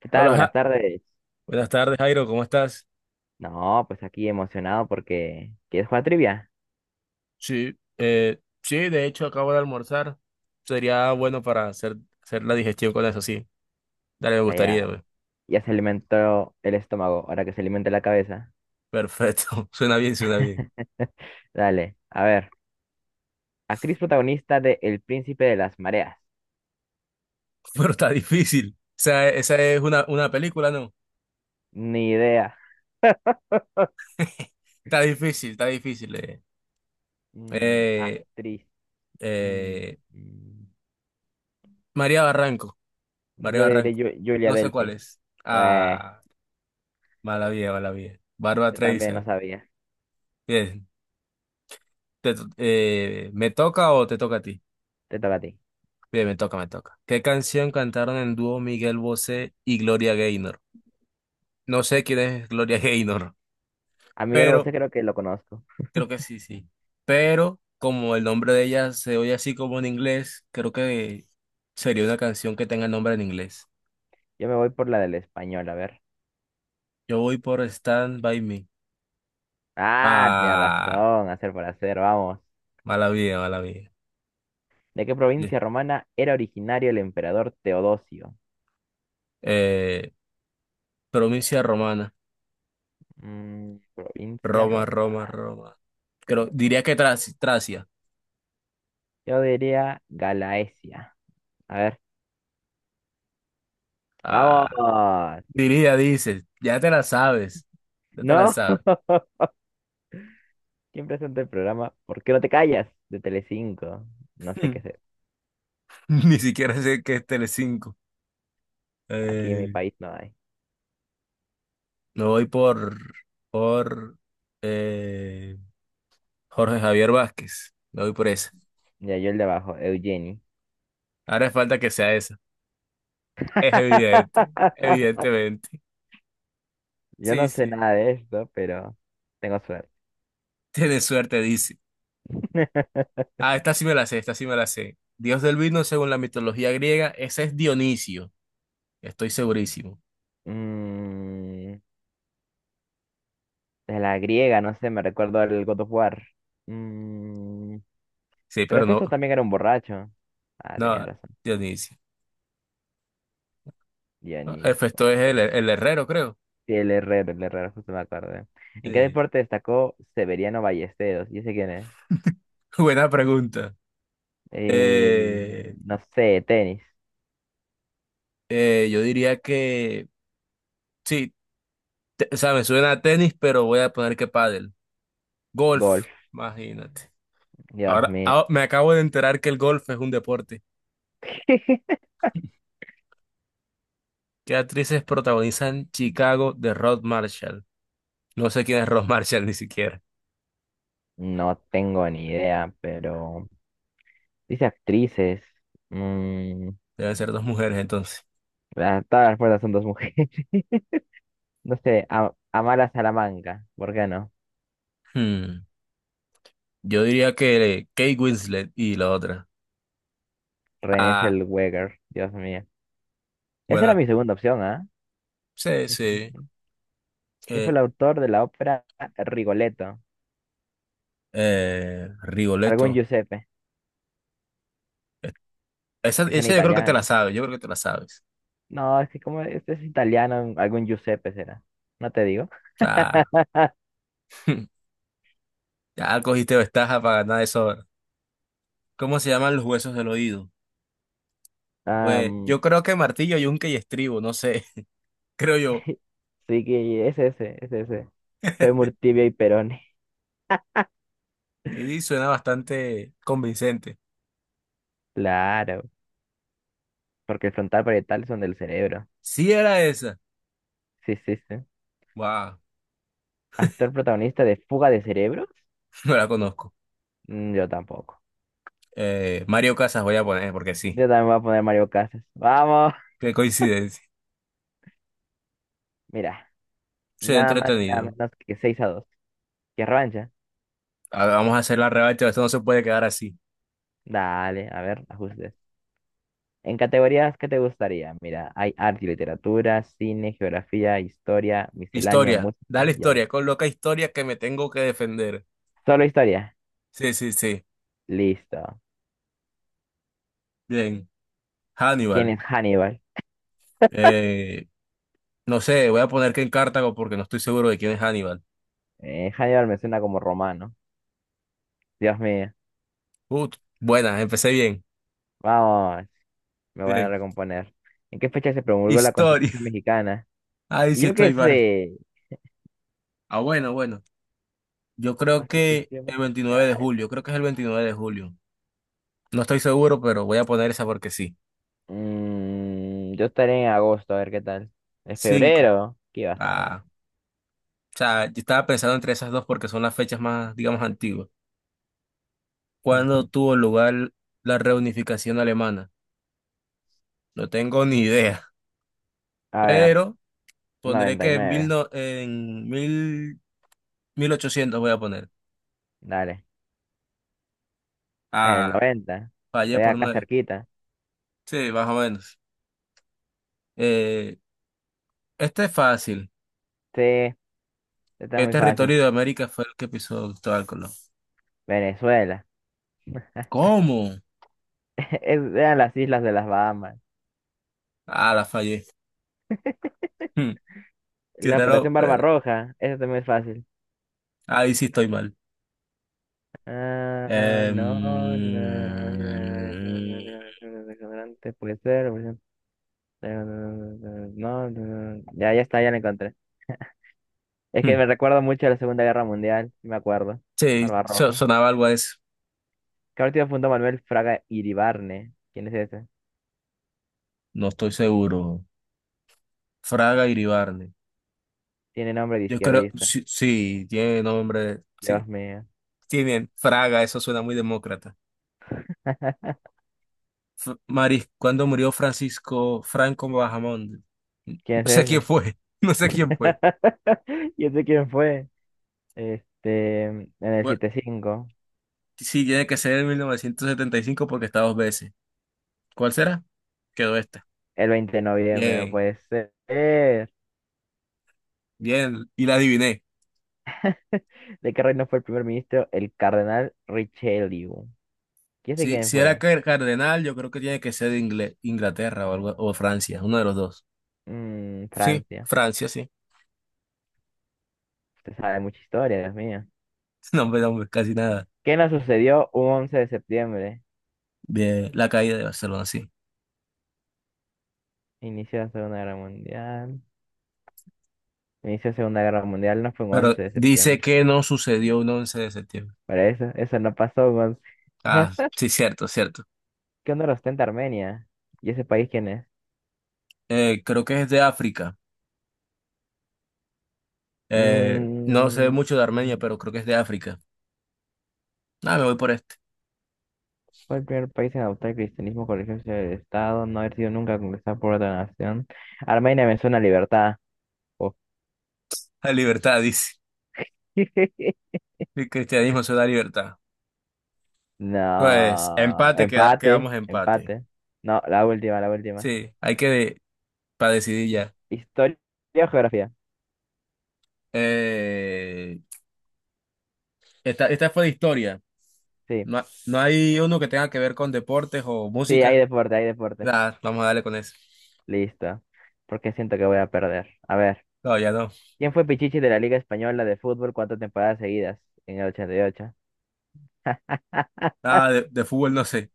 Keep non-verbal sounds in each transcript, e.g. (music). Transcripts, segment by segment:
¿Qué tal? Hola, Buenas Ja- tardes. Buenas tardes, Jairo, ¿cómo estás? No, pues aquí emocionado porque ¿quieres jugar trivia? Sí, sí, de hecho acabo de almorzar. Sería bueno para hacer la digestión con eso, sí. Dale, me O sea, gustaría, ya, güey. ya se alimentó el estómago, ahora que se alimente la cabeza. Perfecto. (laughs) Suena bien, suena bien. (laughs) Dale, a ver. Actriz protagonista de El Príncipe de las Mareas. Pero está difícil. O sea, esa es una película, ¿no? Ni idea. (laughs) Está difícil, está difícil. Mm, Eh, actriz. Mm, eh, mm. María Barranco, María Yo le diré Barranco. Julia No sé cuál Delpy. es. Pues, Ah, mala vida, mala vida. Bárbara yo también no Streisand. sabía. Bien. ¿Me toca o te toca a ti? Te toca a ti. Bien, me toca, me toca. ¿Qué canción cantaron en dúo Miguel Bosé y Gloria Gaynor? No sé quién es Gloria (laughs) Gaynor, A Miguel Bosé pero creo que lo conozco. creo que sí, sí. Pero como el nombre de ella se oye así como en inglés, creo que sería una canción que tenga el nombre en inglés. Yo me voy por la del español, a ver. Yo voy por Stand By Me. Ah, tenía Ah, razón. Hacer por hacer, vamos. mala vida, mala vida. ¿De qué Yeah. provincia romana era originario el emperador Teodosio? Eh, Provincia romana. Provincia Roma, Roma, romana. Roma. Creo, diría que Tracia. Yo diría Galaesia. A ver, vamos. Ah. Diría, dices, ya te la sabes, ya te la ¿No? sabes. ¿Quién presenta el programa? ¿Por qué no te callas? De Telecinco. No sé qué es. (laughs) Ni siquiera sé qué es Telecinco. Aquí en mi Eh, país no hay. Me voy por eh, Jorge Javier Vázquez. Me voy por esa. Ya, yo el de abajo, Eugeni. Ahora falta que sea esa. Es evidente, (laughs) evidentemente. Yo Sí, no sé sí. nada de esto, pero tengo suerte. Tienes suerte, dice. (laughs) Ah, esta sí me la sé, esta sí me la sé. Dios del vino según la mitología griega, ese es Dionisio. Estoy segurísimo. Mm, de la griega, no sé, me recuerdo el God of War. Mm, Sí, Pero pero Festo no, también era un borracho. Ah, no, tenías razón. Dionisio. Ah, Dionisio. esto es el herrero, creo. Sí, el Herrero, justo me acordé. ¿En qué Sí, deporte destacó Severiano Ballesteros? ¿Y ese quién es? (laughs) buena pregunta. Eh, Eh, no sé, tenis, yo diría que sí, o sea, me suena a tenis, pero voy a poner que pádel. Golf, golf. imagínate. Dios Ahora, mío. Me acabo de enterar que el golf es un deporte. (laughs) ¿Qué actrices protagonizan Chicago de Rod Marshall? No sé quién es Rod (laughs) Marshall ni siquiera. No tengo ni idea, pero dice actrices. Mm, Deben ser dos mujeres entonces. todas las puertas son dos mujeres. (laughs) No sé, Amara Salamanca, ¿por qué no? Hmm, Yo diría que Kate Winslet y la otra. René Ah, Zellweger, Dios mío. Esa era buena. mi segunda opción, ¿ah? Sí, sí. (laughs) ¿Quién fue Eh, el autor de la ópera Rigoletto? Algún Rigoletto. Giuseppe, Esa, que son esa yo creo que te la italianas. sabes, yo creo que te la sabes. No, es que como este es italiano, algún Giuseppe será. No te digo. Claro. (laughs) Ya cogiste ventaja para ganar eso ahora. ¿Cómo se llaman los huesos del oído? Pues Am, yo creo que martillo, yunque y estribo, no sé, (laughs) creo yo. (laughs) sí que es ese, es ese. Fémur, tibia y perone. Y suena bastante convincente. Claro, porque el frontal parietal son del cerebro. Sí era esa. Sí, sí, sí. Wow, ¿Actor protagonista de Fuga de Cerebros? (laughs) no la conozco. Yo tampoco. Mario Casas voy a poner porque sí. Yo también voy a poner Mario Casas. ¡Vamos! Qué coincidencia. Mira, Se nada más, nada entretenido. menos que 6-2. ¿Qué revancha? A ver, vamos a hacer la revancha, esto no se puede quedar así. Dale, a ver, ajustes. En categorías, ¿qué te gustaría? Mira, hay arte y literatura, cine, geografía, historia, misceláneo, Historia, dale música, y ahí. historia, coloca historia que me tengo que defender. Solo historia. Sí, sí, sí. Listo. Bien. ¿Quién Hannibal. es Hannibal? Eh, no sé, voy a poner que en Cartago porque no estoy seguro de quién es Hannibal. Hannibal me suena como romano. Dios mío. Ut, buena, empecé bien. Vamos, me voy a Bien. recomponer. ¿En qué fecha se promulgó la Historia. Constitución (laughs) mexicana? Ahí Y sí yo qué estoy mal. sé. Ah, bueno, bueno. Yo creo que Constitución el 29 de mexicana. julio, creo que es el 29 de julio. No estoy seguro, pero voy a poner esa porque sí. Yo estaré en agosto, a ver qué tal. ¿En Cinco. febrero? ¿Qué vas a ver? Ah, o sea, yo estaba pensando entre esas dos porque son las fechas más, digamos, antiguas. ¿Cuándo (laughs) tuvo lugar la reunificación alemana? No tengo ni idea, A ver, pero pondré noventa y que en, mil nueve. no- en mil, 1800 voy a poner. Dale. El Ah, 90. fallé Estoy por acá nueve. cerquita. Sí, más o menos. Eh, este es fácil. Sí, está ¿Qué muy fácil. territorio de América fue el que pisó Cristóbal Colón? Venezuela. ¿Cómo? (laughs) Eran las islas de las Bahamas. Ah, la fallé. Hmm, Qué La raro, Operación pero Barbarroja. Eso está muy fácil. ahí sí estoy mal. Ah, Eh, no, no. mm, Puede ser. Puede ser. No, no, no. Ya, ya está, ya la encontré. Es que hmm, me recuerdo mucho a la Segunda Guerra Mundial. Sí, me acuerdo. sí, Barbarroja. sonaba algo a eso. ¿Qué partido fundó Manuel Fraga Iribarne? ¿Quién es ese? No estoy seguro. Fraga Iribarne. Tiene nombre de Yo creo, izquierdista. sí, sí, tiene nombre. Sí, Dios mío. tiene Fraga, eso suena muy demócrata. (laughs) Maris, cuando murió Francisco Franco Bahamonde. No ¿Quién es sé quién ese? fue, (laughs) no sé quién fue. (laughs) ¿Y ese quién fue? Este, en el Bueno, 7-5, sí, tiene que ser en 1975 porque está dos veces. ¿Cuál será? Quedó esta. el 20 de noviembre, no Bien, puede ser. (laughs) bien, y la adiviné. ¿De qué reino fue el primer ministro? El cardenal Richelieu. ¿Quién sé Sí, quién si era fue? Cardenal, yo creo que tiene que ser de Inglaterra o algo, o Francia, uno de los dos. Mm, Sí, Francia. Francia, sí. Usted sabe mucha historia, Dios mío. (laughs) No, hombre, no, hombre, casi nada. ¿Qué nos sucedió un 11 de septiembre? De la caída de Barcelona, sí. Inicio de la Segunda Guerra Mundial. Inicio de la Segunda Guerra Mundial no fue un Pero 11 de dice septiembre. que no sucedió un 11 de septiembre. Para eso, eso no pasó un 11. Ah, sí, cierto, cierto. (laughs) ¿Qué honor ostenta Armenia? ¿Y ese país quién es? Creo que es de África. No sé Mm, mucho de Armenia, pero creo que es de África. Ah, me voy por este. fue el primer país en adoptar el cristianismo con religión del Estado, no haber sido nunca conquistada por otra nación. Armenia me suena a libertad. Oh. La libertad, dice. (laughs) El cristianismo se da libertad. Pues, No, empate, empate, quedamos empate. empate. No, la última, la última. Sí, hay que para decidir ya. Historia o geografía. Eh, esta fue de historia. Sí, No, no hay uno que tenga que ver con deportes o sí, música. hay deporte, hay deporte. Ah, vamos a darle con eso. Listo. Porque siento que voy a perder. A ver, No, ya no. ¿quién fue Pichichi de la Liga Española de Fútbol cuántas temporadas seguidas? En el 88. Ah, de fútbol no sé.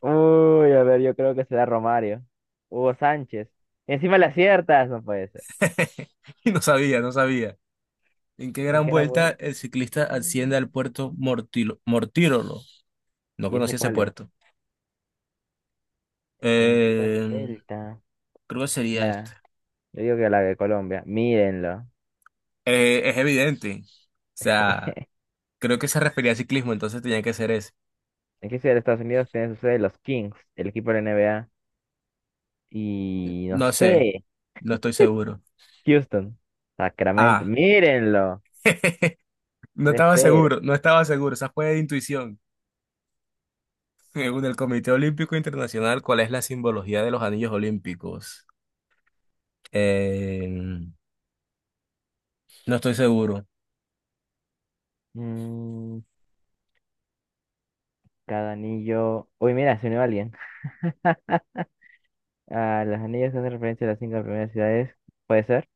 Uy, a ver, yo creo que será Romario. Hugo Sánchez. Encima le aciertas, no puede ser. (laughs) No sabía, no sabía. ¿En qué ¿En gran qué gran vuelta vuelta? el ciclista asciende al puerto Mortirolo? No ¿Y ese conocía ese cuál es? puerto. ¿En qué gran Eh, vuelta? Creo que sería este. Nada, yo digo que la de Colombia. Mírenlo. Es evidente. O sea, (laughs) creo que se refería al ciclismo, entonces tenía que ser ese. ¿En qué ciudad de Estados Unidos tiene su sede los Kings, el equipo de la NBA? Y no No sé, sé, no estoy seguro. Houston, Sacramento, Ah, mírenlo, (laughs) no estaba 3-0. seguro, no estaba seguro. Esa fue de intuición. Según el Comité Olímpico Internacional, ¿cuál es la simbología de los anillos olímpicos? Eh, no estoy seguro, Mm, cada anillo. Uy, mira, se unió alguien. (laughs) Ah, los anillos hacen referencia a las cinco primeras ciudades, puede ser.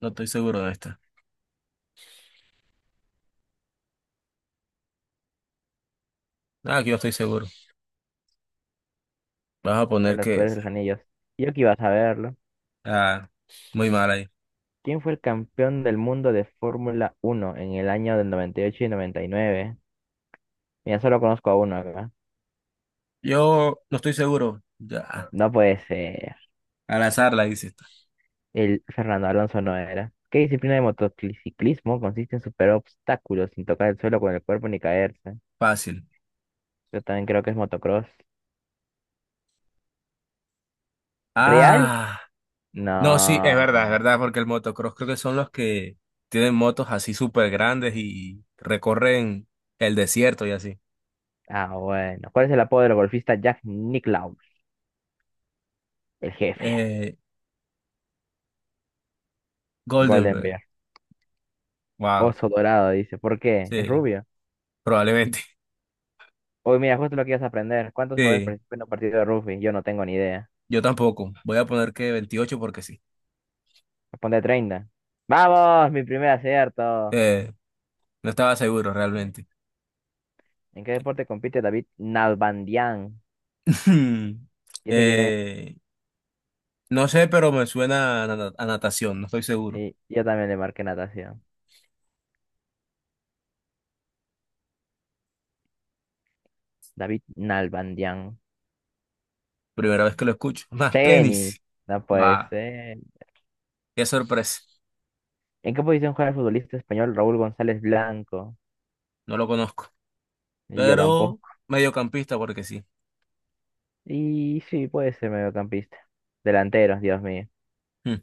no estoy seguro de esta. Ah, aquí no estoy seguro. Vamos a De poner los que. Poderes de los Anillos. Y yo que iba a saberlo. Ah, Muy mal ahí. ¿Quién fue el campeón del mundo de Fórmula Uno en el año del 98 y 99? Mira, solo conozco a uno acá. Yo no estoy seguro. Ya. No puede ser. Al azar la hice. El Fernando Alonso no era. ¿Qué disciplina de motociclismo consiste en superar obstáculos sin tocar el suelo con el cuerpo ni caerse? Fácil. Yo también creo que es motocross. ¿Real? Ah. No, sí, es No. verdad, porque el motocross creo que son los que tienen motos así súper grandes y recorren el desierto y así. Ah, bueno. ¿Cuál es el apodo del golfista Jack Nicklaus? El jefe. Eh, Golden Goldenberg. Bear. Wow. Oso dorado, dice. ¿Por qué? ¿Es Sí, rubio? probablemente. (laughs) Hoy mira, justo lo que ibas a aprender. ¿Cuántos jugadores Sí, participan en un partido de rugby? Yo no tengo ni idea. yo tampoco. Voy a poner que 28 porque sí. Responde 30. ¡Vamos! Mi primer acierto. Eh, no estaba seguro realmente. ¿En qué deporte compite David Nalbandian? (laughs) ¿Y ese quién es? Eh, no sé, pero me suena a, a natación, no estoy seguro. Sí, yo también le marqué natación. David Nalbandian. Primera vez que lo escucho. (laughs) Más Tenis. tenis. No puede Guau, ser. qué sorpresa. ¿En qué posición juega el futbolista español Raúl González Blanco? No lo conozco. Y yo tampoco. Pero mediocampista, porque sí. Y sí, puede ser mediocampista. Delantero, Dios mío. Hmm,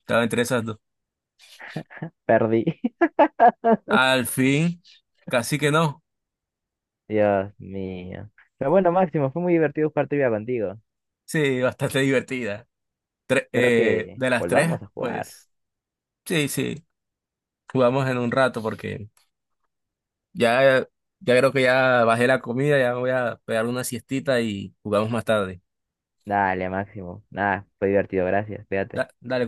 Estaba entre esas dos. Perdí. (laughs) Al fin, casi que no. Dios mío. Pero bueno, Máximo, fue muy divertido jugar trivia contigo. Sí, bastante (laughs) divertida. Espero que De las tres, volvamos a jugar. pues sí, sí. Jugamos en un rato porque ya, ya creo que ya bajé la comida, ya me voy a pegar una siestita y jugamos más tarde. Dale, Máximo. Nada, fue divertido, gracias. Cuídate. Dale,